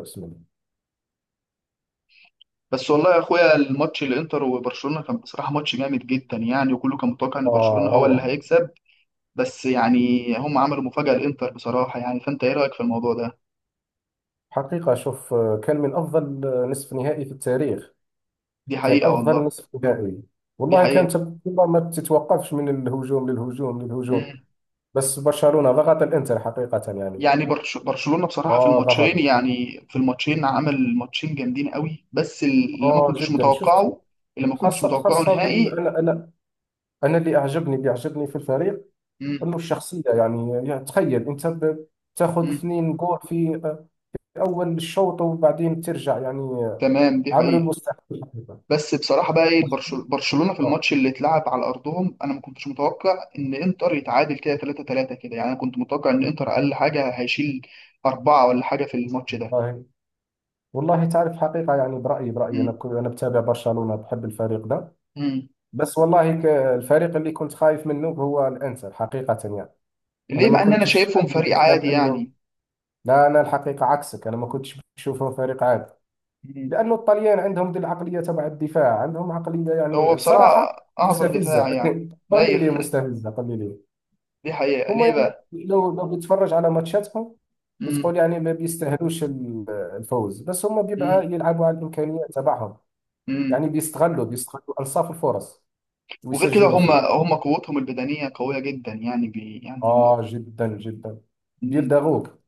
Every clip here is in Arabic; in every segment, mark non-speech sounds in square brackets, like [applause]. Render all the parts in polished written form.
بسم الله. بس والله يا اخويا، الماتش الانتر وبرشلونه كان بصراحه ماتش جامد جدا يعني، وكله كان متوقع ان برشلونه آه هو اللي روعة. هيكسب. بس يعني هم عملوا مفاجاه الانتر بصراحه يعني. فانت ايه رايك في الموضوع ده؟ حقيقة شوف كان من أفضل نصف نهائي في التاريخ. دي كان حقيقه أفضل والله. نصف نهائي، دي والله كان حقيقه. تبقى ما تتوقفش من الهجوم للهجوم للهجوم. امم. بس برشلونة ضغط الإنتر حقيقة يعني. يعني برشلونه بصراحه في آه الماتشين ضغط، يعني في الماتشين عمل ماتشين جامدين قوي، بس اللي ما آه كنتش جدا شفت. متوقعه. اللي ما كنتش خاصة متوقعه خاصة بال نهائي. أنا أنا أنا، اللي أعجبني في الفريق امم أنه الشخصية، يعني تخيل أنت تاخذ امم. 2 جول في أول الشوط، وبعدين ترجع يعني تمام دي عملوا حقيقه. المستحيل حقيقة بس بصراحه بقى ايه، برشلونه في آه. الماتش اللي اتلعب على ارضهم، انا ما كنتش متوقع ان انتر يتعادل كده 3-3 كده يعني. انا كنت متوقع ان انتر اقل حاجه هيشيل اربعه ولا حاجه في الماتش ده. والله تعرف حقيقة، يعني برأيي أنا امم كنت، أنا بتابع برشلونة، بحب الفريق ده. امم. بس والله الفريق اللي كنت خايف منه هو الإنتر حقيقة يعني. أنا ليه ما مع ان انا كنتش شايفهم عامل فريق حساب عادي أنه، يعني؟ لا أنا الحقيقة عكسك، أنا ما كنتش بشوفهم فريق عادي مم. لأنه الطليان عندهم دي العقلية، تبع الدفاع عندهم عقلية هو يعني صراحة بصراحه اعظم مستفزة دفاع [laughs] يعني. قل لي ايوه ليه [laughs] مستفزة، قل لي ليه. دي حقيقه، هم ليه يعني بقى؟ لو بتتفرج على ماتشاتهم امم بتقول يعني ما بيستاهلوش الفوز، بس هم امم بيبقى يلعبوا على الإمكانيات تبعهم، يعني امم. بيستغلوا ألصاف الفرص وغير كده ويسجلوا هم فيه. قوتهم البدنيه قويه جدا يعني، يعني هم. جدا جدا مم. بيلدغوك.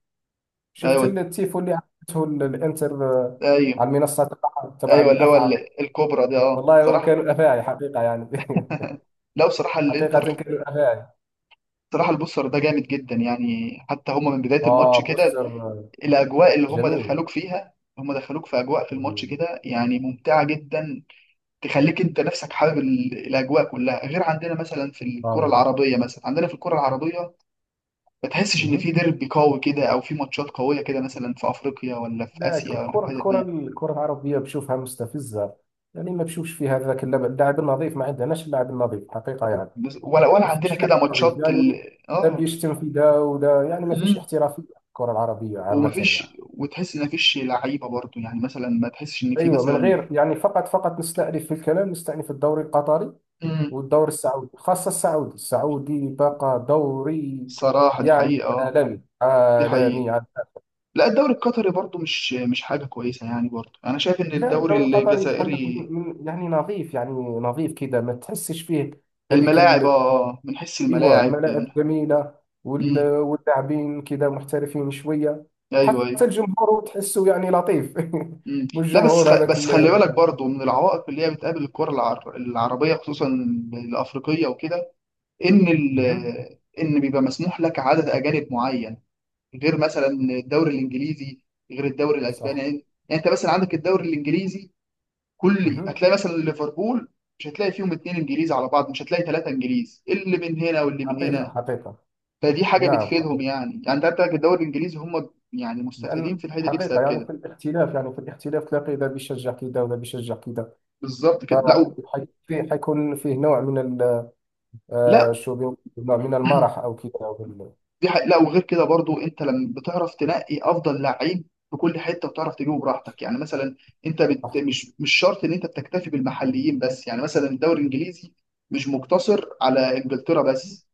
شفت ايوه التيفو اللي عملته الانتر ايوه على المنصة تبع ايوه اللي هو الأفعى. الكوبرا دي اه والله هم صراحه. كانوا أفاعي حقيقة يعني لا بصراحة [laughs] حقيقة الانتر. كانوا أفاعي. بصراحة البوستر ده جامد جدا يعني، حتى هما من بداية الماتش آه، كده، بوستر الأجواء اللي هما جميل. دخلوك فيها. هما دخلوك في أجواء في الماتش مم. كده يعني ممتعة جدا. تخليك أنت نفسك حابب الأجواء كلها. غير عندنا مثلا في آه الكرة والله. العربية، مثلا عندنا في الكرة العربية ما تحسش إن في مهم. ديربي قوي كده أو في ماتشات قوية كده، مثلا في أفريقيا ولا في لا، آسيا ولا في الحتت دي. الكرة العربية بشوفها مستفزة، يعني ما بشوفش فيها ذاك اللعب اللاعب النظيف، ما عندناش اللاعب النظيف حقيقة يعني. ولا عندنا مفيش لا كده احترافية، ماتشات يعني ده آه. بيشتم في ده وده، يعني ما فيش امم. احترافية في الكرة العربية عامة ومفيش يعني. وتحس ان مفيش لعيبه برضو يعني، مثلا ما تحسش ان في ايوه، من مثلا. غير يعني فقط نستأنف في الكلام، نستأنف الدوري القطري امم. والدوري السعودي، خاصة السعودي، السعودي بقى دوري صراحة دي يعني حقيقة اه. عالمي دي حقيقة. عالمي عالمي. لا، الدوري القطري برضو مش حاجة كويسة يعني، برضو أنا شايف إن لا، الدوري الدوري القطري بقول لك، الجزائري يعني نظيف يعني، نظيف كذا ما تحسش فيه هذيك. الملاعب من حيث ايوه الملاعب من. الملاعب جميله، امم. واللاعبين كذا محترفين شويه، أيوه أيوه. حتى الجمهور تحسه يعني لطيف [laughs] امم. مش لا بس جمهور هذاك بس خلي بالك برضو من العوائق اللي هي بتقابل الكرة العربية، خصوصا الأفريقية وكده، إن ال... مهم. إن بيبقى مسموح لك عدد أجانب معين، غير مثلا الدوري الإنجليزي، غير الدوري الأسباني صح. يعني أنت مثلا عندك الدوري الإنجليزي، كل مهم. هتلاقي مثلا ليفربول مش هتلاقي فيهم اتنين انجليز على بعض، مش هتلاقي ثلاثه انجليز اللي من هنا واللي من حقيقه، هنا. حقيقه. فدي حاجه نعم بتفيدهم حقيقه. يعني انت عندك الدوري الانجليزي، هم يعني مستفيدين لان في الحته دي حقيقه بسبب يعني كده. في الاختلاف، يعني في الاختلاف تلاقي ذا بيشجع كذا وذا بيشجع كذا، بالظبط كده. فحيكون فيه نوع من لا شو بيقولوا، نوع من المرح [clears throat] او كذا، أو لا، وغير كده برضو، انت لما بتعرف تنقي افضل لعيب في كل حته وتعرف تجيبه براحتك يعني. مثلا انت صح. مش شرط ان انت بتكتفي بالمحليين بس، يعني مثلا الدوري الانجليزي مش مقتصر على انجلترا بس.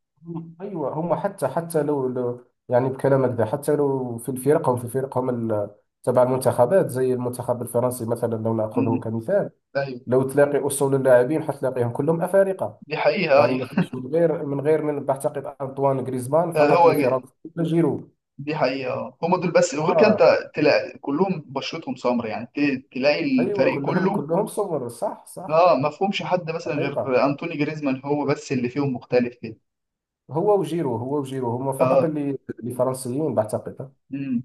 ايوه هم، حتى لو يعني بكلامك ده، حتى لو في الفرق هم في الفرق هم تبع مم. المنتخبات، زي المنتخب الفرنسي مثلا، لو مم. ناخذه كمثال ايوه. لو تلاقي اصول اللاعبين حتلاقيهم كلهم افارقه. دي حقيقه يعني آه،. ما فيش من غير من بعتقد انطوان غريزمان فقط هو جاي. لفرنسا، ولا جيرو. دي حقيقة هما دول بس، وغير كده اه، انت تلاقي كلهم بشرتهم سمر يعني، تلاقي ايوه الفريق كلهم، كله. كلهم صور، صح صح. اه ما فيهمش حد مثلا حقيقه، غير انطوني جريزمان، هو بس اللي فيهم مختلف كده. هو وجيرو هم فقط اه. اللي فرنسيين بعتقد. امم.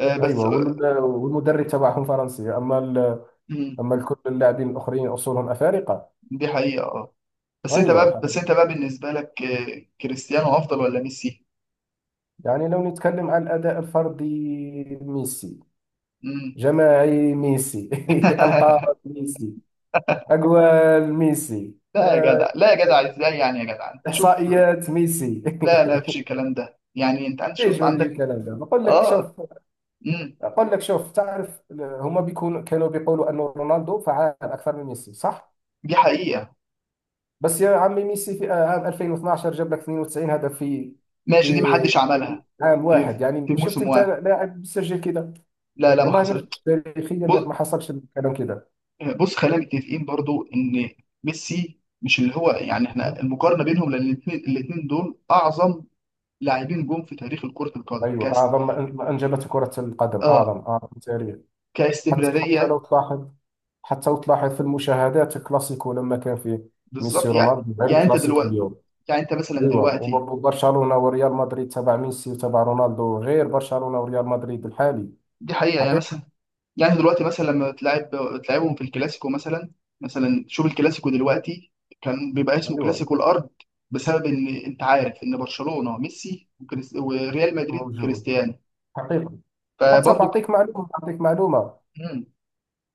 آه بس. ايوه والمدرب تبعهم فرنسي، اما امم. أما الكل اللاعبين الآخرين أصولهم أفارقة. دي حقيقة اه. أيوة بس حقيقة. انت بقى بالنسبة لك كريستيانو افضل ولا ميسي؟ يعني لو نتكلم عن الأداء الفردي، ميسي. امم. جماعي ميسي [laughs] ألقاب [laughs] ميسي. أجوال ميسي. لا يا آه، جدع، لا يا جدع، ازاي يعني، يا جدع انت شوف. إحصائيات ميسي لا لا مفيش [laughs] الكلام ده يعني، انت عندك ايش شوف ما بيجي عندك. الكلام ده، اه. امم. بقول لك شوف، تعرف هما بيكونوا كانوا بيقولوا أنه رونالدو فعال أكثر من ميسي صح. دي حقيقة. بس يا عمي ميسي في عام 2012 جاب لك 92 هدف في ماشي دي في محدش عملها. عام في واحد، في يعني شفت موسم انت واحد. لاعب سجل كده؟ لا لا ما والله حصلت. مش تاريخيا بص ما حصلش الكلام كده. بص، خلينا متفقين برضو ان ميسي مش اللي هو يعني، احنا مهم. المقارنه بينهم لان الاثنين دول اعظم لاعبين جم في تاريخ كره القدم ايوه اعظم ما انجبته كره القدم، اه اعظم اعظم تاريخ. حتى كاستمراريه. لو تلاحظ، في المشاهدات الكلاسيكو لما كان فيه ميسي بالظبط يعني. رونالدو، غير يعني انت الكلاسيكو دلوقتي اليوم. يعني انت مثلا ايوه، دلوقتي، وبرضه برشلونه وريال مدريد تبع ميسي وتبع رونالدو غير برشلونه وريال مدريد الحالي. دي حقيقه يعني حقيقه. مثلا. يعني دلوقتي مثلا لما بتلعبهم في الكلاسيكو مثلا. مثلا شوف الكلاسيكو دلوقتي كان بيبقى اسمه ايوه، كلاسيكو الارض، بسبب ان انت عارف ان برشلونة ميسي، وريال مدريد موجود كريستيانو. حقيقه. حتى فبرضه بعطيك معلومه، مم.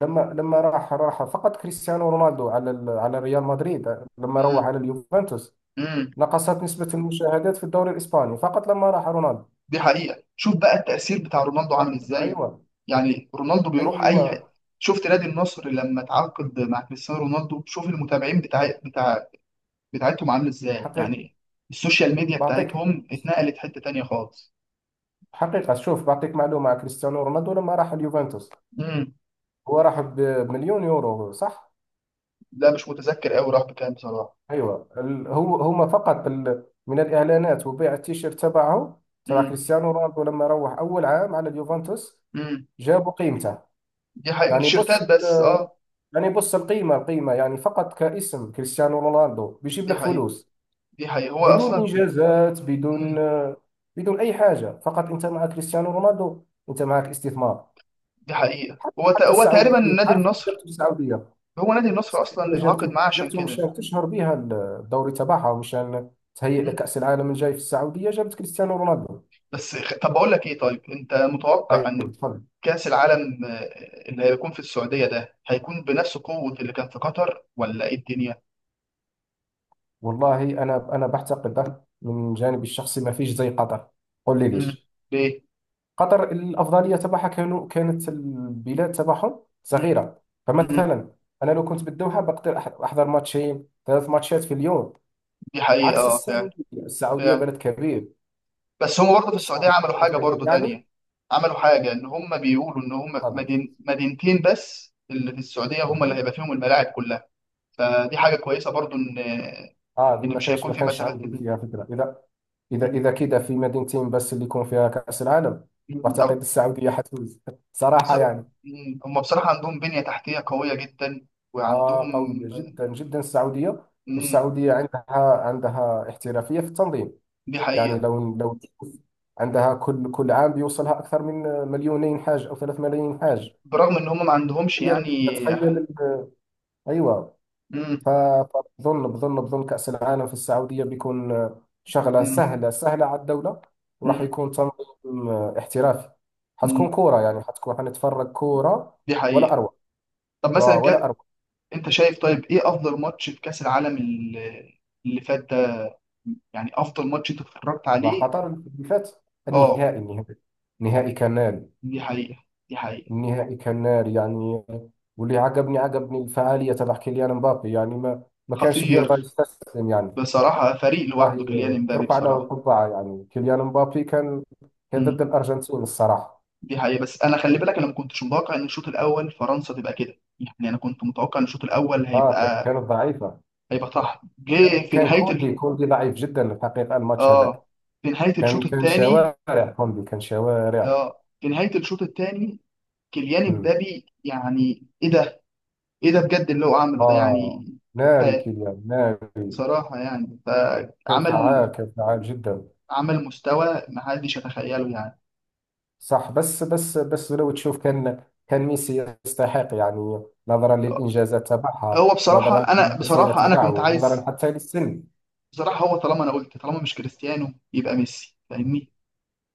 لما راح فقط كريستيانو رونالدو على على ريال مدريد، لما روح مم. على اليوفنتوس مم. نقصت نسبة المشاهدات في الدوري الإسباني فقط لما راح رونالدو. دي حقيقة، شوف بقى التأثير بتاع رونالدو عامل حقيقة ازاي. أيوة. يعني رونالدو بيروح اي حتة، أيوة شفت نادي النصر لما تعاقد مع كريستيانو رونالدو، شوف المتابعين بتاع بتاعتهم عامل ازاي حقيقة. يعني، السوشيال ميديا بعطيك بتاعتهم اتنقلت حتة تانية خالص. حقيقة شوف، بعطيك معلومة على كريستيانو رونالدو لما راح اليوفنتوس. هو راح بمليون يورو صح؟ لا مش متذكر قوي راح بكام بصراحه. أيوة هو هما فقط من الإعلانات وبيع التيشيرت تبعه، تبع امم كريستيانو رونالدو، لما روح أول عام على اليوفنتوس امم. جابوا قيمته. دي حقيقة من يعني بص التيشيرتات بس اه. يعني بص، القيمة يعني فقط كاسم كريستيانو رونالدو بيجيب دي لك حقيقة فلوس، دي حقيقة هو بدون اصلا. انجازات، بدون امم. بدون اي حاجه، فقط انت مع كريستيانو رونالدو انت معك استثمار. دي حقيقة هو حتى هو تقريبا السعوديه، نادي عارف، النصر، جابته السعوديه، هو نادي النصر اصلا اللي السعوديه اتعاقد جابته، معاه عشان كده. مشان تشهر بها الدوري تبعها، ومشان تهيئ امم. لكاس العالم الجاي في السعوديه جابت كريستيانو رونالدو. طب بقول لك ايه، طيب انت متوقع ايوه ان تفضل. كأس العالم اللي هيكون في السعودية ده هيكون بنفس قوة اللي كان في قطر، ولا ايه الدنيا؟ والله انا بعتقد من جانبي الشخصي ما فيش زي قطر. قول لي امم. ليش. ليه. قطر الأفضلية تبعها كانت البلاد تبعهم امم صغيرة، امم. فمثلا أنا لو كنت بالدوحة بقدر أحضر 3 ماتشات في اليوم، دي حقيقة عكس اه فعلا. السعودية. السعودية فعلا. بلد كبير، بس هم برضه في السعودية السعودية عملوا بلد حاجة كبير برضه يعني. تانية، عملوا حاجة إن هم بيقولوا إن هم تفضل. مدينتين بس اللي في السعودية هم اللي مهم. هيبقى فيهم الملاعب كلها. فدي حاجة كويسة برضه، إن اه دي مش هيكون ما في كانش مسافات عندي كتير. فيها فكرة، إذا مم. إذا كده في مدينتين بس اللي يكون فيها كأس العالم. مم. بعتقد أو السعودية حتفوز [laughs] بص- صراحة يعني. مم. هم بصراحة عندهم بنية تحتية قوية جدا، وعندهم. آه قوية جدا جدا السعودية، مم. والسعودية عندها، احترافية في التنظيم. دي يعني حقيقة. لو تشوف عندها كل عام بيوصلها أكثر من 2 مليون حاج، أو 3 ملايين حاج. برغم إن هم ما عندهمش تخيل، يعني. تخيل أيوة. مم. فبظن بظن بظن كأس العالم في السعودية بيكون شغلة مم. سهلة، سهلة على الدولة، وراح مم. يكون تنظيم احترافي، حتكون مم. كورة يعني، حتكون حنتفرج كورة دي ولا حقيقة. أروع. طب مثلا، ولا أروع. انت شايف طيب ايه افضل ماتش في كاس العالم اللي فات ده، يعني افضل ماتش انت اتفرجت مع عليه؟ قطر اللي فات، اه. النهائي. النهائي نهائي كان دي حقيقة دي حقيقة. النهائي كان ناري يعني. واللي عجبني الفعالية تبع كيليان مبابي، يعني ما كانش بيرضى خطير، يستسلم يعني. بصراحة فريق لوحده كيليان والله امبابي ترفع له بصراحة. القبعة، يعني كيليان مبابي كان ضد مم. الأرجنتين الصراحة. دي حقيقة، بس انا خلي بالك، انا ما كنتش متوقع ان الشوط الاول فرنسا تبقى كده يعني، انا كنت متوقع ان الشوط الاول اه كانت ضعيفة. هيبقى طحن. جه في كان نهاية كوندي ضعيف جدا الحقيقة الماتش هذاك، اه في نهاية الشوط كان الثاني شوارع، كوندي كان شوارع. اه في نهاية الشوط الثاني كيليان امم. امبابي يعني ايه ده، ايه ده بجد اللي هو عمله ده اه يعني، ناري، كفاية كيليان ناري. بصراحة يعني. كان فعال جدا. عمل مستوى محدش يتخيله يعني. صح. بس لو تشوف كان ميسي يستحق، يعني نظرا للإنجازات هو تبعها، بصراحة نظرا للمسيرة أنا كنت تبعه، نظرا عايز حتى للسن. بصراحة. هو طالما أنا قلت، طالما مش كريستيانو يبقى ميسي، فاهمني؟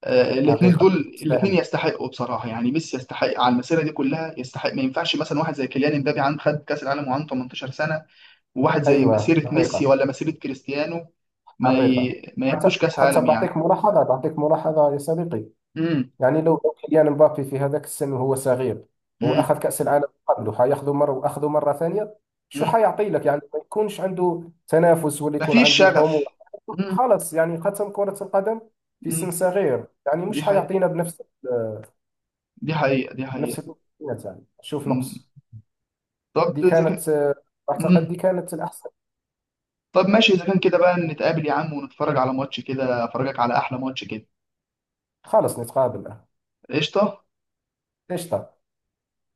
آه الاتنين حقيقة دول، الاتنين يستاهل. يستحقوا بصراحة يعني. ميسي يستحق على المسيرة دي كلها يستحق، ما ينفعش مثلا واحد زي كيليان امبابي عن خد كأس العالم وعنده 18 سنة، وواحد زي أيوة مسيرة ميسي حقيقة ولا مسيرة كريستيانو حقيقة. ما ياخدوش كأس حتى عالم يعني. بعطيك ملاحظة يا صديقي. امم يعني لو كيليان مبابي في هذاك السن وهو صغير هو امم. اخذ كاس العالم، قبله حياخذه مره، واخذه مره ثانيه شو حيعطي لك، يعني ما يكونش عنده تنافس ولا يكون مفيش عنده طموح، شغف. مم. خلص يعني ختم كره القدم في سن مم. صغير، يعني دي مش حقيقة حيعطينا بنفس، دي حقيقة دي بنفس حقيقة. الامكانيات، يعني شوف مم. نقص. طب دي إذا كان. كانت اعتقد مم. دي كانت الاحسن. طب ماشي، إذا كان كده بقى نتقابل يا عم ونتفرج على ماتش كده، أفرجك على أحلى ماتش كده. خلص نتقابل. قشطة. ليش طب.